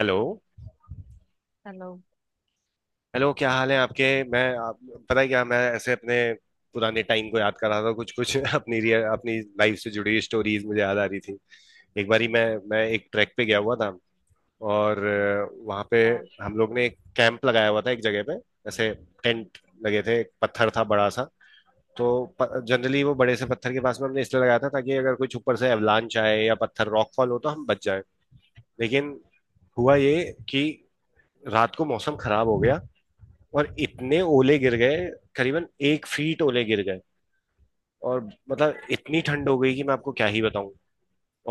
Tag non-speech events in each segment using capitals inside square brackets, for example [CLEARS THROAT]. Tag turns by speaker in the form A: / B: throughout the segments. A: Hello.
B: Hello.
A: Hello, क्या हाल है आपके? मैं आप, पता है क्या, मैं ऐसे अपने पुराने टाइम को याद कर रहा था। कुछ कुछ [LAUGHS] अपनी रियल अपनी लाइफ से जुड़ी हुई स्टोरीज मुझे याद आ रही थी। एक बारी मैं एक ट्रैक पे गया हुआ था। और वहाँ पे
B: हाँ।
A: हम लोग ने एक कैंप लगाया हुआ था एक जगह पे। ऐसे टेंट लगे थे, एक पत्थर था बड़ा सा। तो जनरली वो बड़े से पत्थर के पास में हमने इसलिए लगाया था ताकि अगर कुछ ऊपर से एवलांच आए या पत्थर रॉकफॉल हो तो हम बच जाए। लेकिन हुआ ये कि रात को मौसम खराब हो गया और इतने ओले गिर गए, करीबन 1 फीट ओले गिर गए। और मतलब इतनी ठंड हो गई कि मैं आपको क्या ही बताऊं।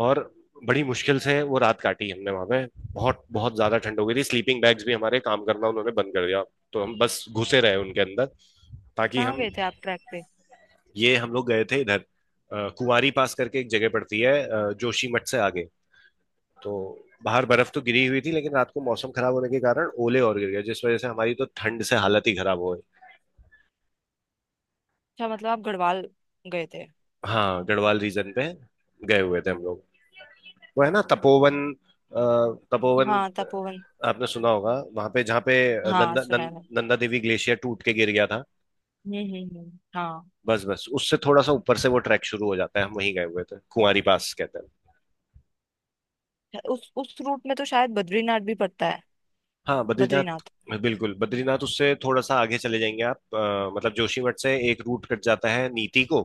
A: और बड़ी मुश्किल से वो रात काटी हमने वहां पे। बहुत बहुत ज्यादा ठंड हो गई थी, स्लीपिंग बैग्स भी हमारे काम करना उन्होंने बंद कर दिया। तो हम बस घुसे रहे उनके अंदर, ताकि
B: कहाँ
A: हम।
B: गए थे आप ट्रैक पे?
A: ये हम लोग गए थे इधर, कुंवारी पास करके एक जगह पड़ती है, जोशीमठ से आगे। तो बाहर बर्फ तो गिरी हुई थी, लेकिन रात को मौसम खराब होने के कारण ओले और गिर गए, जिस वजह से हमारी तो ठंड से हालत ही खराब हो गई।
B: अच्छा, मतलब आप गढ़वाल गए थे।
A: हाँ, गढ़वाल रीजन पे गए हुए थे हम लोग। वो है ना तपोवन, तपोवन
B: हाँ तपोवन।
A: आपने सुना होगा, वहां पे जहाँ पे
B: हाँ
A: नंदा
B: सुना
A: नं,
B: है।
A: नंदा देवी ग्लेशियर टूट के गिर गया था।
B: मैंने हाँ।
A: बस बस उससे थोड़ा सा ऊपर से वो ट्रैक शुरू हो जाता है, हम वहीं गए हुए थे, कुंवारी पास कहते।
B: उस रूट में तो शायद बद्रीनाथ भी पड़ता है।
A: हाँ बद्रीनाथ।
B: बद्रीनाथ।
A: बिल्कुल, बद्रीनाथ उससे थोड़ा सा आगे चले जाएंगे आप। मतलब जोशीमठ से एक रूट कट जाता है नीति को।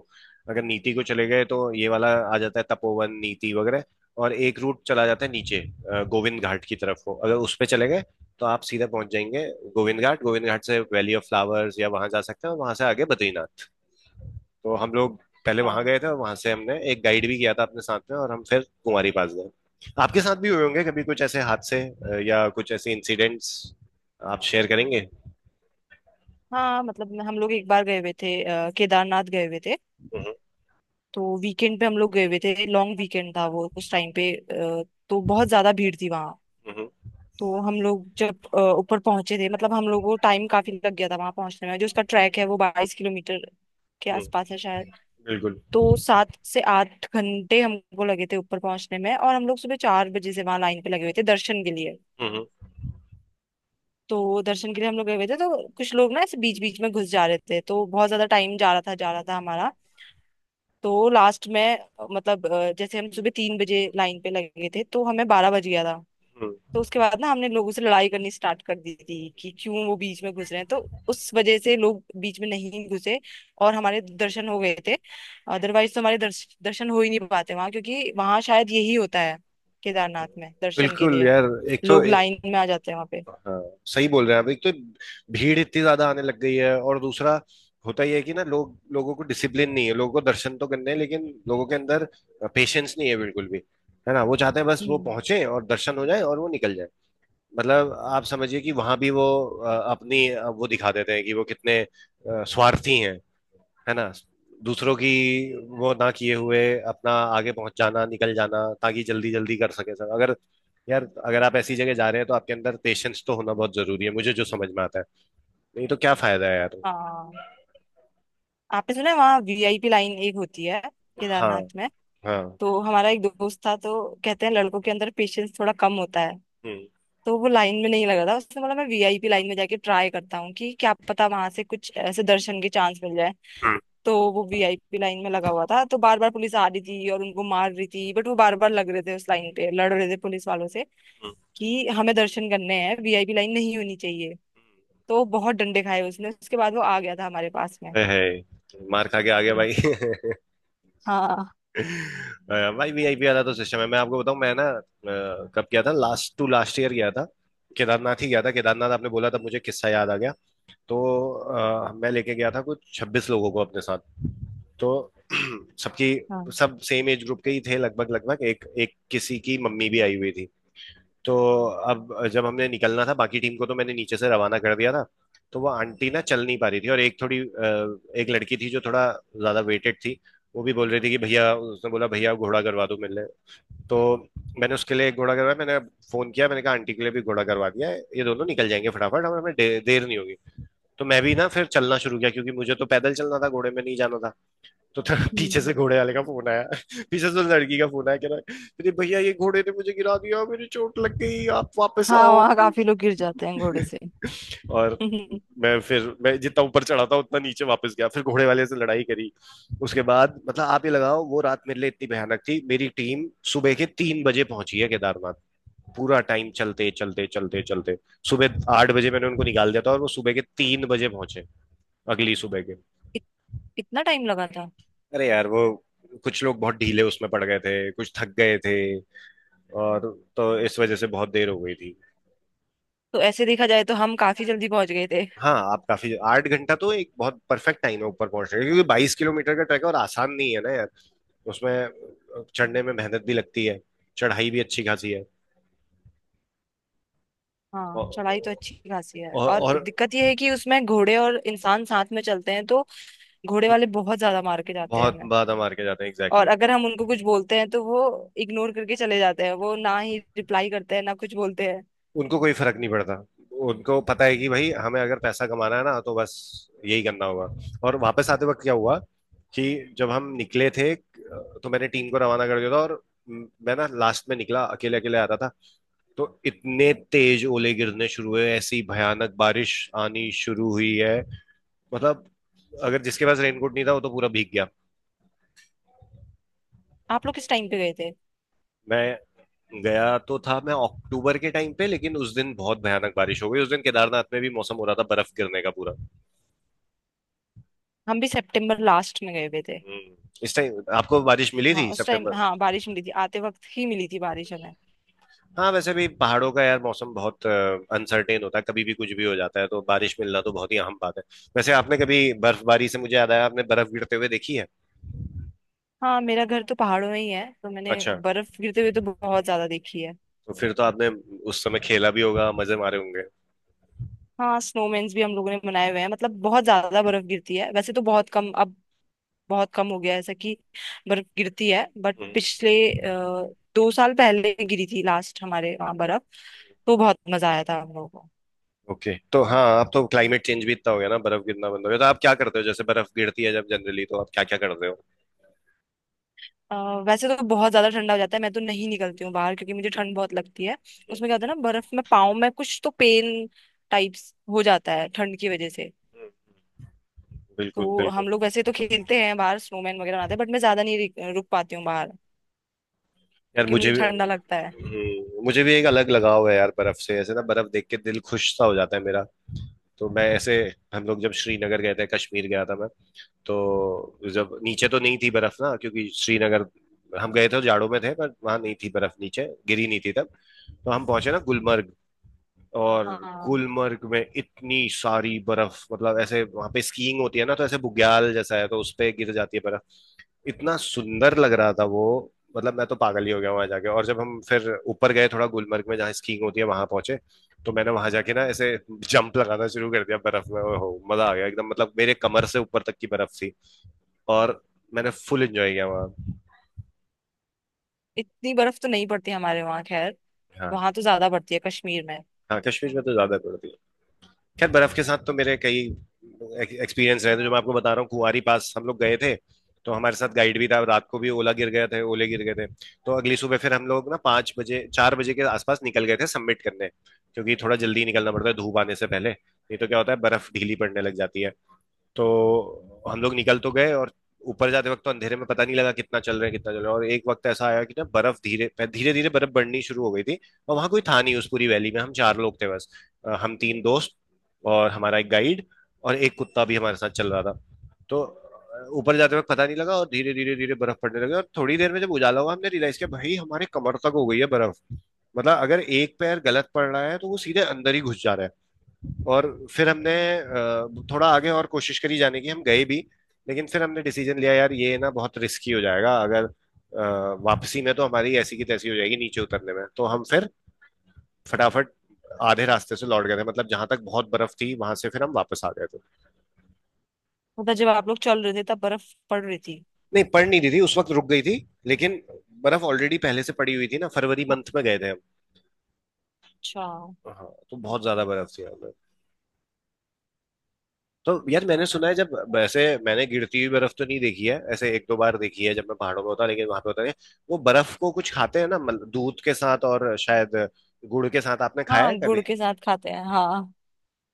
A: अगर नीति को चले गए तो ये वाला आ जाता है, तपोवन नीति वगैरह। और एक रूट चला जाता है नीचे, गोविंद घाट की तरफ को। अगर उस पे चले गए तो आप सीधा पहुंच जाएंगे गोविंद घाट। गोविंद घाट से वैली ऑफ फ्लावर्स या वहां जा सकते हैं और वहां से आगे बद्रीनाथ। तो हम लोग पहले वहां
B: हाँ
A: गए थे और वहां से हमने एक गाइड भी किया था अपने साथ में, और हम फिर कुमारी पास गए। आपके साथ भी हुए होंगे कभी कुछ ऐसे हादसे, या कुछ ऐसे इंसिडेंट्स आप शेयर करेंगे?
B: हाँ मतलब हम लोग एक बार गए हुए थे केदारनाथ गए हुए थे।
A: हम्म
B: तो वीकेंड पे हम लोग गए हुए थे, लॉन्ग वीकेंड था वो उस टाइम पे। तो बहुत ज्यादा भीड़ थी वहाँ।
A: हम्म
B: तो हम लोग जब ऊपर पहुंचे थे, मतलब हम लोग को टाइम काफी लग गया था वहां पहुंचने में। जो उसका ट्रैक है वो 22 किलोमीटर के
A: हम्म,
B: आसपास है शायद।
A: बिल्कुल।
B: तो 7 से 8 घंटे हमको लगे थे ऊपर पहुंचने में, और हम लोग सुबह 4 बजे से वहां लाइन पे लगे हुए थे दर्शन के लिए।
A: हम्म
B: तो दर्शन के लिए हम लोग गए हुए थे तो कुछ लोग ना ऐसे बीच बीच में घुस जा रहे थे, तो बहुत ज्यादा टाइम जा रहा था हमारा। तो लास्ट में मतलब जैसे हम सुबह 3 बजे लाइन पे लगे थे तो हमें 12 बज गया था।
A: हम्म।
B: तो उसके बाद ना हमने लोगों से लड़ाई करनी स्टार्ट कर दी थी कि क्यों वो बीच में घुस रहे हैं। तो उस वजह से लोग बीच में नहीं घुसे और हमारे दर्शन हो गए थे। अदरवाइज तो हमारे दर्शन हो ही नहीं पाते वहां, क्योंकि वहां शायद यही होता है। केदारनाथ में दर्शन के
A: बिल्कुल
B: लिए
A: यार। एक तो
B: लोग
A: ए,
B: लाइन में आ जाते हैं वहां पे।
A: हाँ, सही बोल रहे हैं आप। एक तो भीड़ इतनी ज्यादा आने लग गई है, और दूसरा होता ही है कि ना लोग, लोगों को डिसिप्लिन नहीं है। लोगों को दर्शन तो करने हैं, लेकिन लोगों के अंदर पेशेंस नहीं है बिल्कुल भी। है ना? वो चाहते हैं बस वो
B: हम्म।
A: पहुंचे और दर्शन हो जाए और वो निकल जाए। मतलब आप समझिए कि वहां भी वो अपनी वो दिखा देते हैं कि वो कितने स्वार्थी हैं। है ना? दूसरों की वो ना किए हुए अपना आगे पहुंच जाना, निकल जाना ताकि जल्दी जल्दी कर सके सब। अगर यार अगर आप ऐसी जगह जा रहे हैं तो आपके अंदर पेशेंस तो होना बहुत जरूरी है, मुझे जो समझ में आता है। नहीं तो क्या फायदा है यार।
B: हाँ, आपने सुना है वहाँ वीआईपी लाइन एक होती है
A: हाँ।
B: केदारनाथ में?
A: हाँ।
B: तो हमारा एक दोस्त था तो कहते हैं लड़कों के अंदर पेशेंस थोड़ा कम होता है।
A: हम्म
B: तो वो लाइन में नहीं लगा था, उसने बोला मैं वीआईपी लाइन में जाके ट्राई करता हूँ कि क्या पता वहां से कुछ ऐसे दर्शन के चांस मिल जाए।
A: हम्म
B: तो वो वीआईपी लाइन में लगा हुआ था तो बार बार पुलिस आ रही थी और उनको मार रही थी, बट वो बार बार लग रहे थे उस लाइन पे, लड़ रहे थे पुलिस वालों से
A: हम्म।
B: कि हमें दर्शन करने हैं, वीआईपी लाइन नहीं होनी चाहिए। तो बहुत डंडे खाए उसने, उसके बाद वो आ गया था हमारे पास में।
A: मार खा के आगे
B: हम्म।
A: भाई। [LAUGHS]
B: हाँ।
A: अ, भाई वीआईपी वाला तो सिस्टम है। मैं आपको बताऊं, मैं ना कब गया था, लास्ट टू लास्ट ईयर गया था। केदारनाथ ही गया था। केदारनाथ आपने बोला तब मुझे किस्सा याद आ गया। तो मैं लेके गया था कुछ 26 लोगों को अपने साथ। तो [CLEARS THROAT] सबकी
B: हाँ।
A: सब सेम एज ग्रुप के ही थे लगभग लगभग, एक एक किसी की मम्मी भी आई हुई थी। तो अब जब हमने निकलना था बाकी टीम को तो मैंने नीचे से रवाना कर दिया था। तो वो आंटी ना चल नहीं पा रही थी, और एक थोड़ी एक लड़की थी जो थोड़ा ज्यादा वेटेड थी। वो भी बोल रही थी कि भैया, उसने बोला भैया घोड़ा करवा दो मेरे लिए। तो मैंने उसके लिए एक घोड़ा करवाया। मैंने फोन किया, मैंने कहा आंटी के लिए भी घोड़ा करवा दिया है, ये दोनों निकल जाएंगे फटाफट, हमें हमें दे, देर नहीं होगी। तो मैं भी ना फिर चलना शुरू किया क्योंकि मुझे तो पैदल चलना था, घोड़े में नहीं जाना था। तो था पीछे से
B: हम्म।
A: घोड़े वाले का फोन आया, पीछे से लड़की का फोन आया, कह रहा है, अरे भैया ये घोड़े ने मुझे गिरा दिया, मेरी चोट लग गई, आप वापस
B: हाँ
A: आओ।
B: वहाँ काफी लोग गिर जाते हैं घोड़े से।
A: और
B: हम्म,
A: मैं फिर मैं जितना ऊपर चढ़ा था उतना नीचे वापस गया, फिर घोड़े वाले से लड़ाई करी। उसके बाद मतलब आप ही लगाओ वो रात मेरे लिए इतनी भयानक थी। मेरी टीम सुबह के 3 बजे पहुंची है केदारनाथ। पूरा टाइम चलते चलते चलते चलते। सुबह 8 बजे मैंने उनको निकाल दिया था और वो सुबह के 3 बजे पहुंचे, अगली सुबह के।
B: इत, इतना टाइम लगा था?
A: अरे यार वो कुछ लोग बहुत ढीले उसमें पड़ गए थे, कुछ थक गए थे, और तो इस वजह से बहुत देर हो गई थी।
B: तो ऐसे देखा जाए तो हम काफी जल्दी पहुंच गए थे।
A: हाँ, आप काफी, 8 घंटा तो एक बहुत परफेक्ट टाइम है ऊपर पहुंचने का, क्योंकि 22 किलोमीटर का ट्रैक है और आसान नहीं है ना यार। उसमें चढ़ने में मेहनत भी लगती है, चढ़ाई भी अच्छी खासी है।
B: हाँ चढ़ाई तो अच्छी
A: और,
B: खासी है,
A: और,
B: और
A: और
B: दिक्कत यह है कि उसमें घोड़े और इंसान साथ में चलते हैं, तो घोड़े वाले बहुत ज्यादा मार के जाते हैं
A: बहुत
B: हमें।
A: बाधा मार के जाते हैं,
B: और
A: एग्जैक्टली।
B: अगर हम उनको कुछ बोलते हैं तो वो इग्नोर करके चले जाते हैं, वो ना ही रिप्लाई करते हैं ना कुछ बोलते हैं।
A: उनको कोई फर्क नहीं पड़ता। उनको पता है कि भाई हमें अगर पैसा कमाना है ना तो बस यही करना होगा। और वापस आते वक्त क्या हुआ कि जब हम निकले थे तो मैंने टीम को रवाना कर दिया था, और मैं ना लास्ट में निकला, अकेले अकेले आता था। तो इतने तेज ओले गिरने शुरू हुए, ऐसी भयानक बारिश आनी शुरू हुई है। मतलब अगर जिसके पास रेनकोट नहीं था वो तो पूरा भीग गया।
B: आप लोग किस टाइम पे गए थे?
A: मैं गया तो था मैं अक्टूबर के टाइम पे, लेकिन उस दिन बहुत भयानक बारिश हो गई, उस दिन केदारनाथ में भी मौसम हो रहा था बर्फ गिरने का पूरा।
B: हम भी सितंबर लास्ट में गए हुए थे।
A: हम्म, इस टाइम आपको बारिश मिली
B: हाँ
A: थी
B: उस टाइम
A: सितंबर?
B: हाँ बारिश मिली थी, आते वक्त ही मिली थी बारिश हमें।
A: हाँ वैसे भी पहाड़ों का यार मौसम बहुत अनसर्टेन होता है, कभी भी कुछ भी हो जाता है, तो बारिश मिलना तो बहुत ही अहम बात है। वैसे आपने कभी बर्फबारी से, मुझे याद आया, आपने बर्फ गिरते हुए देखी है?
B: हाँ मेरा घर तो पहाड़ों में ही है, तो मैंने
A: अच्छा।
B: बर्फ गिरते हुए तो बहुत ज्यादा देखी है।
A: तो फिर तो आपने उस समय खेला भी होगा, मजे मारे होंगे।
B: हाँ स्नोमैन्स भी हम लोगों ने बनाए हुए हैं, मतलब बहुत ज्यादा बर्फ गिरती है, वैसे तो बहुत कम अब। बहुत कम हो गया है ऐसा कि बर्फ गिरती है, बट
A: हम्म।
B: पिछले 2 साल पहले गिरी थी लास्ट हमारे वहाँ बर्फ। तो बहुत मजा आया था हम लोगों को।
A: ओके, तो हाँ अब तो क्लाइमेट चेंज भी इतना हो गया ना, बर्फ गिरना बंद हो गया। तो आप क्या करते हो, जैसे बर्फ गिरती है जब जनरली, तो आप क्या क्या करते हो?
B: अ, वैसे तो बहुत ज्यादा ठंडा हो जाता है, मैं तो नहीं निकलती हूँ बाहर क्योंकि मुझे ठंड बहुत लगती है। उसमें क्या होता है ना, बर्फ में पाँव में कुछ तो पेन टाइप्स हो जाता है ठंड की वजह से।
A: हम्म, बिल्कुल
B: तो
A: बिल्कुल।
B: हम लोग वैसे तो खेलते हैं बाहर, स्नोमैन वगैरह बनाते हैं, बट मैं ज्यादा नहीं रुक रुक पाती हूँ बाहर,
A: यार
B: क्योंकि
A: मुझे
B: मुझे
A: भी,
B: ठंडा लगता है।
A: मुझे भी एक अलग लगाव है यार बर्फ से, ऐसे ना बर्फ देख के दिल खुश सा हो जाता है मेरा। तो मैं ऐसे, हम लोग जब श्रीनगर गए थे, कश्मीर गया था मैं। तो जब नीचे तो नहीं थी बर्फ ना, क्योंकि श्रीनगर हम गए थे जाड़ों में थे, पर वहां नहीं थी बर्फ नीचे, गिरी नहीं थी तब। तो हम पहुंचे ना गुलमर्ग। और
B: हाँ।
A: गुलमर्ग में इतनी सारी बर्फ, मतलब ऐसे वहां पे स्कीइंग होती है ना, तो ऐसे बुग्याल जैसा है तो उस पे गिर जाती है बर्फ। इतना सुंदर लग रहा था वो, मतलब मैं तो पागल ही हो गया वहां जाके। और जब हम फिर ऊपर गए थोड़ा गुलमर्ग में जहाँ स्कीइंग होती है वहां पहुंचे, तो मैंने वहां जाके ना ऐसे जंप लगाना शुरू कर दिया बर्फ में। ओहो, मजा आ गया एकदम, मतलब मेरे कमर से ऊपर तक की बर्फ थी। और मैंने फुल एंजॉय किया वहाँ।
B: इतनी बर्फ तो नहीं पड़ती हमारे वहाँ, खैर।
A: हाँ।
B: वहां तो ज्यादा पड़ती है कश्मीर में।
A: हाँ कश्मीर में तो ज्यादा पड़ती। खैर, बर्फ के साथ तो मेरे कई एक्सपीरियंस रहे थे, जो मैं आपको बता रहा हूँ, कुंवारी पास हम लोग गए थे। तो हमारे साथ गाइड भी था, रात को भी ओला गिर गया थे, ओले गिर गए थे। तो अगली सुबह फिर हम लोग ना 5 बजे 4 बजे के आसपास निकल गए थे सबमिट करने, क्योंकि थोड़ा जल्दी निकलना पड़ता है धूप आने से पहले, नहीं तो क्या होता है बर्फ ढीली पड़ने लग जाती है। तो हम लोग निकल तो गए, और ऊपर जाते वक्त तो अंधेरे में पता नहीं लगा कितना चल रहे हैं, कितना चल रहा है। और एक वक्त ऐसा आया कि ना बर्फ धीरे धीरे धीरे बर्फ बढ़नी शुरू हो गई थी। और वहां कोई था नहीं उस पूरी वैली में, हम चार लोग थे बस, हम तीन दोस्त और हमारा एक गाइड, और एक कुत्ता भी हमारे साथ चल रहा था। तो ऊपर जाते वक्त पता नहीं लगा, और धीरे धीरे धीरे बर्फ पड़ने लगी और थोड़ी देर में जब उजाला हुआ हमने रियलाइज किया भाई हमारे कमर तक हो गई है बर्फ। मतलब अगर एक पैर गलत पड़ रहा है तो वो सीधे अंदर ही घुस जा रहा है। और फिर हमने थोड़ा आगे और कोशिश करी जाने की, हम गए भी, लेकिन फिर हमने डिसीजन लिया यार ये ना बहुत रिस्की हो जाएगा, अगर वापसी में तो हमारी ऐसी की तैसी हो जाएगी नीचे उतरने में। तो हम फिर फटाफट आधे रास्ते से लौट गए थे, मतलब जहां तक बहुत बर्फ थी वहां से फिर हम वापस आ गए थे।
B: मतलब जब आप लोग चल रहे थे तब बर्फ पड़ रही थी?
A: नहीं पड़ नहीं रही थी उस वक्त, रुक गई थी। लेकिन बर्फ ऑलरेडी पहले से पड़ी हुई थी ना, फरवरी
B: हाँ,
A: मंथ में गए थे हम।
B: अच्छा।
A: हाँ तो बहुत ज्यादा बर्फ थी। तो यार मैंने सुना है जब वैसे, मैंने गिरती हुई बर्फ तो नहीं देखी है ऐसे, एक दो बार देखी है जब मैं पहाड़ों में होता लेकिन वहां पे होता नहीं। वो बर्फ को कुछ खाते हैं ना, मतलब दूध के साथ और शायद गुड़ के साथ, आपने खाया है
B: हाँ
A: कभी?
B: गुड़ के साथ खाते हैं, हाँ।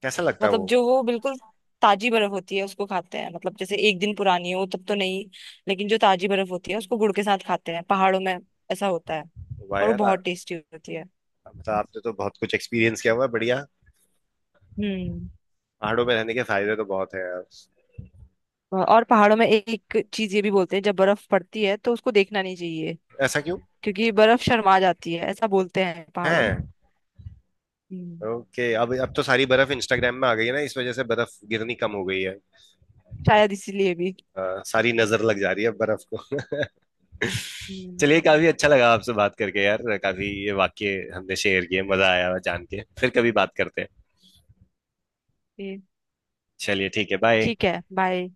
A: कैसा लगता है
B: मतलब
A: वो?
B: जो वो बिल्कुल ताजी बर्फ होती है उसको खाते हैं, मतलब जैसे एक दिन पुरानी हो तब तो नहीं, लेकिन जो ताजी बर्फ होती है उसको गुड़ के साथ खाते हैं पहाड़ों में। ऐसा होता है।
A: वाह
B: और वो
A: यार।
B: बहुत टेस्टी होती है।
A: मतलब आपने तो बहुत कुछ एक्सपीरियंस किया हुआ है, बढ़िया।
B: हम्म।
A: पहाड़ों में रहने के फायदे तो बहुत है यार।
B: और पहाड़ों में एक चीज ये भी बोलते हैं, जब बर्फ पड़ती है तो उसको देखना नहीं चाहिए।
A: ऐसा क्यों?
B: क्योंकि बर्फ शर्मा जाती है, ऐसा बोलते हैं पहाड़ों में।
A: है।
B: हम्म।
A: ओके, अब तो सारी बर्फ इंस्टाग्राम में आ गई है ना, इस वजह से बर्फ गिरनी कम हो गई है।
B: शायद इसीलिए भी।
A: सारी नजर लग जा रही है बर्फ को। [LAUGHS] चलिए,
B: हम्म,
A: काफी अच्छा लगा आपसे बात करके यार, काफी ये वाक्य हमने शेयर किए, मजा आया जान के, फिर कभी बात करते हैं।
B: ये-
A: चलिए ठीक है, बाय।
B: ठीक है, बाय।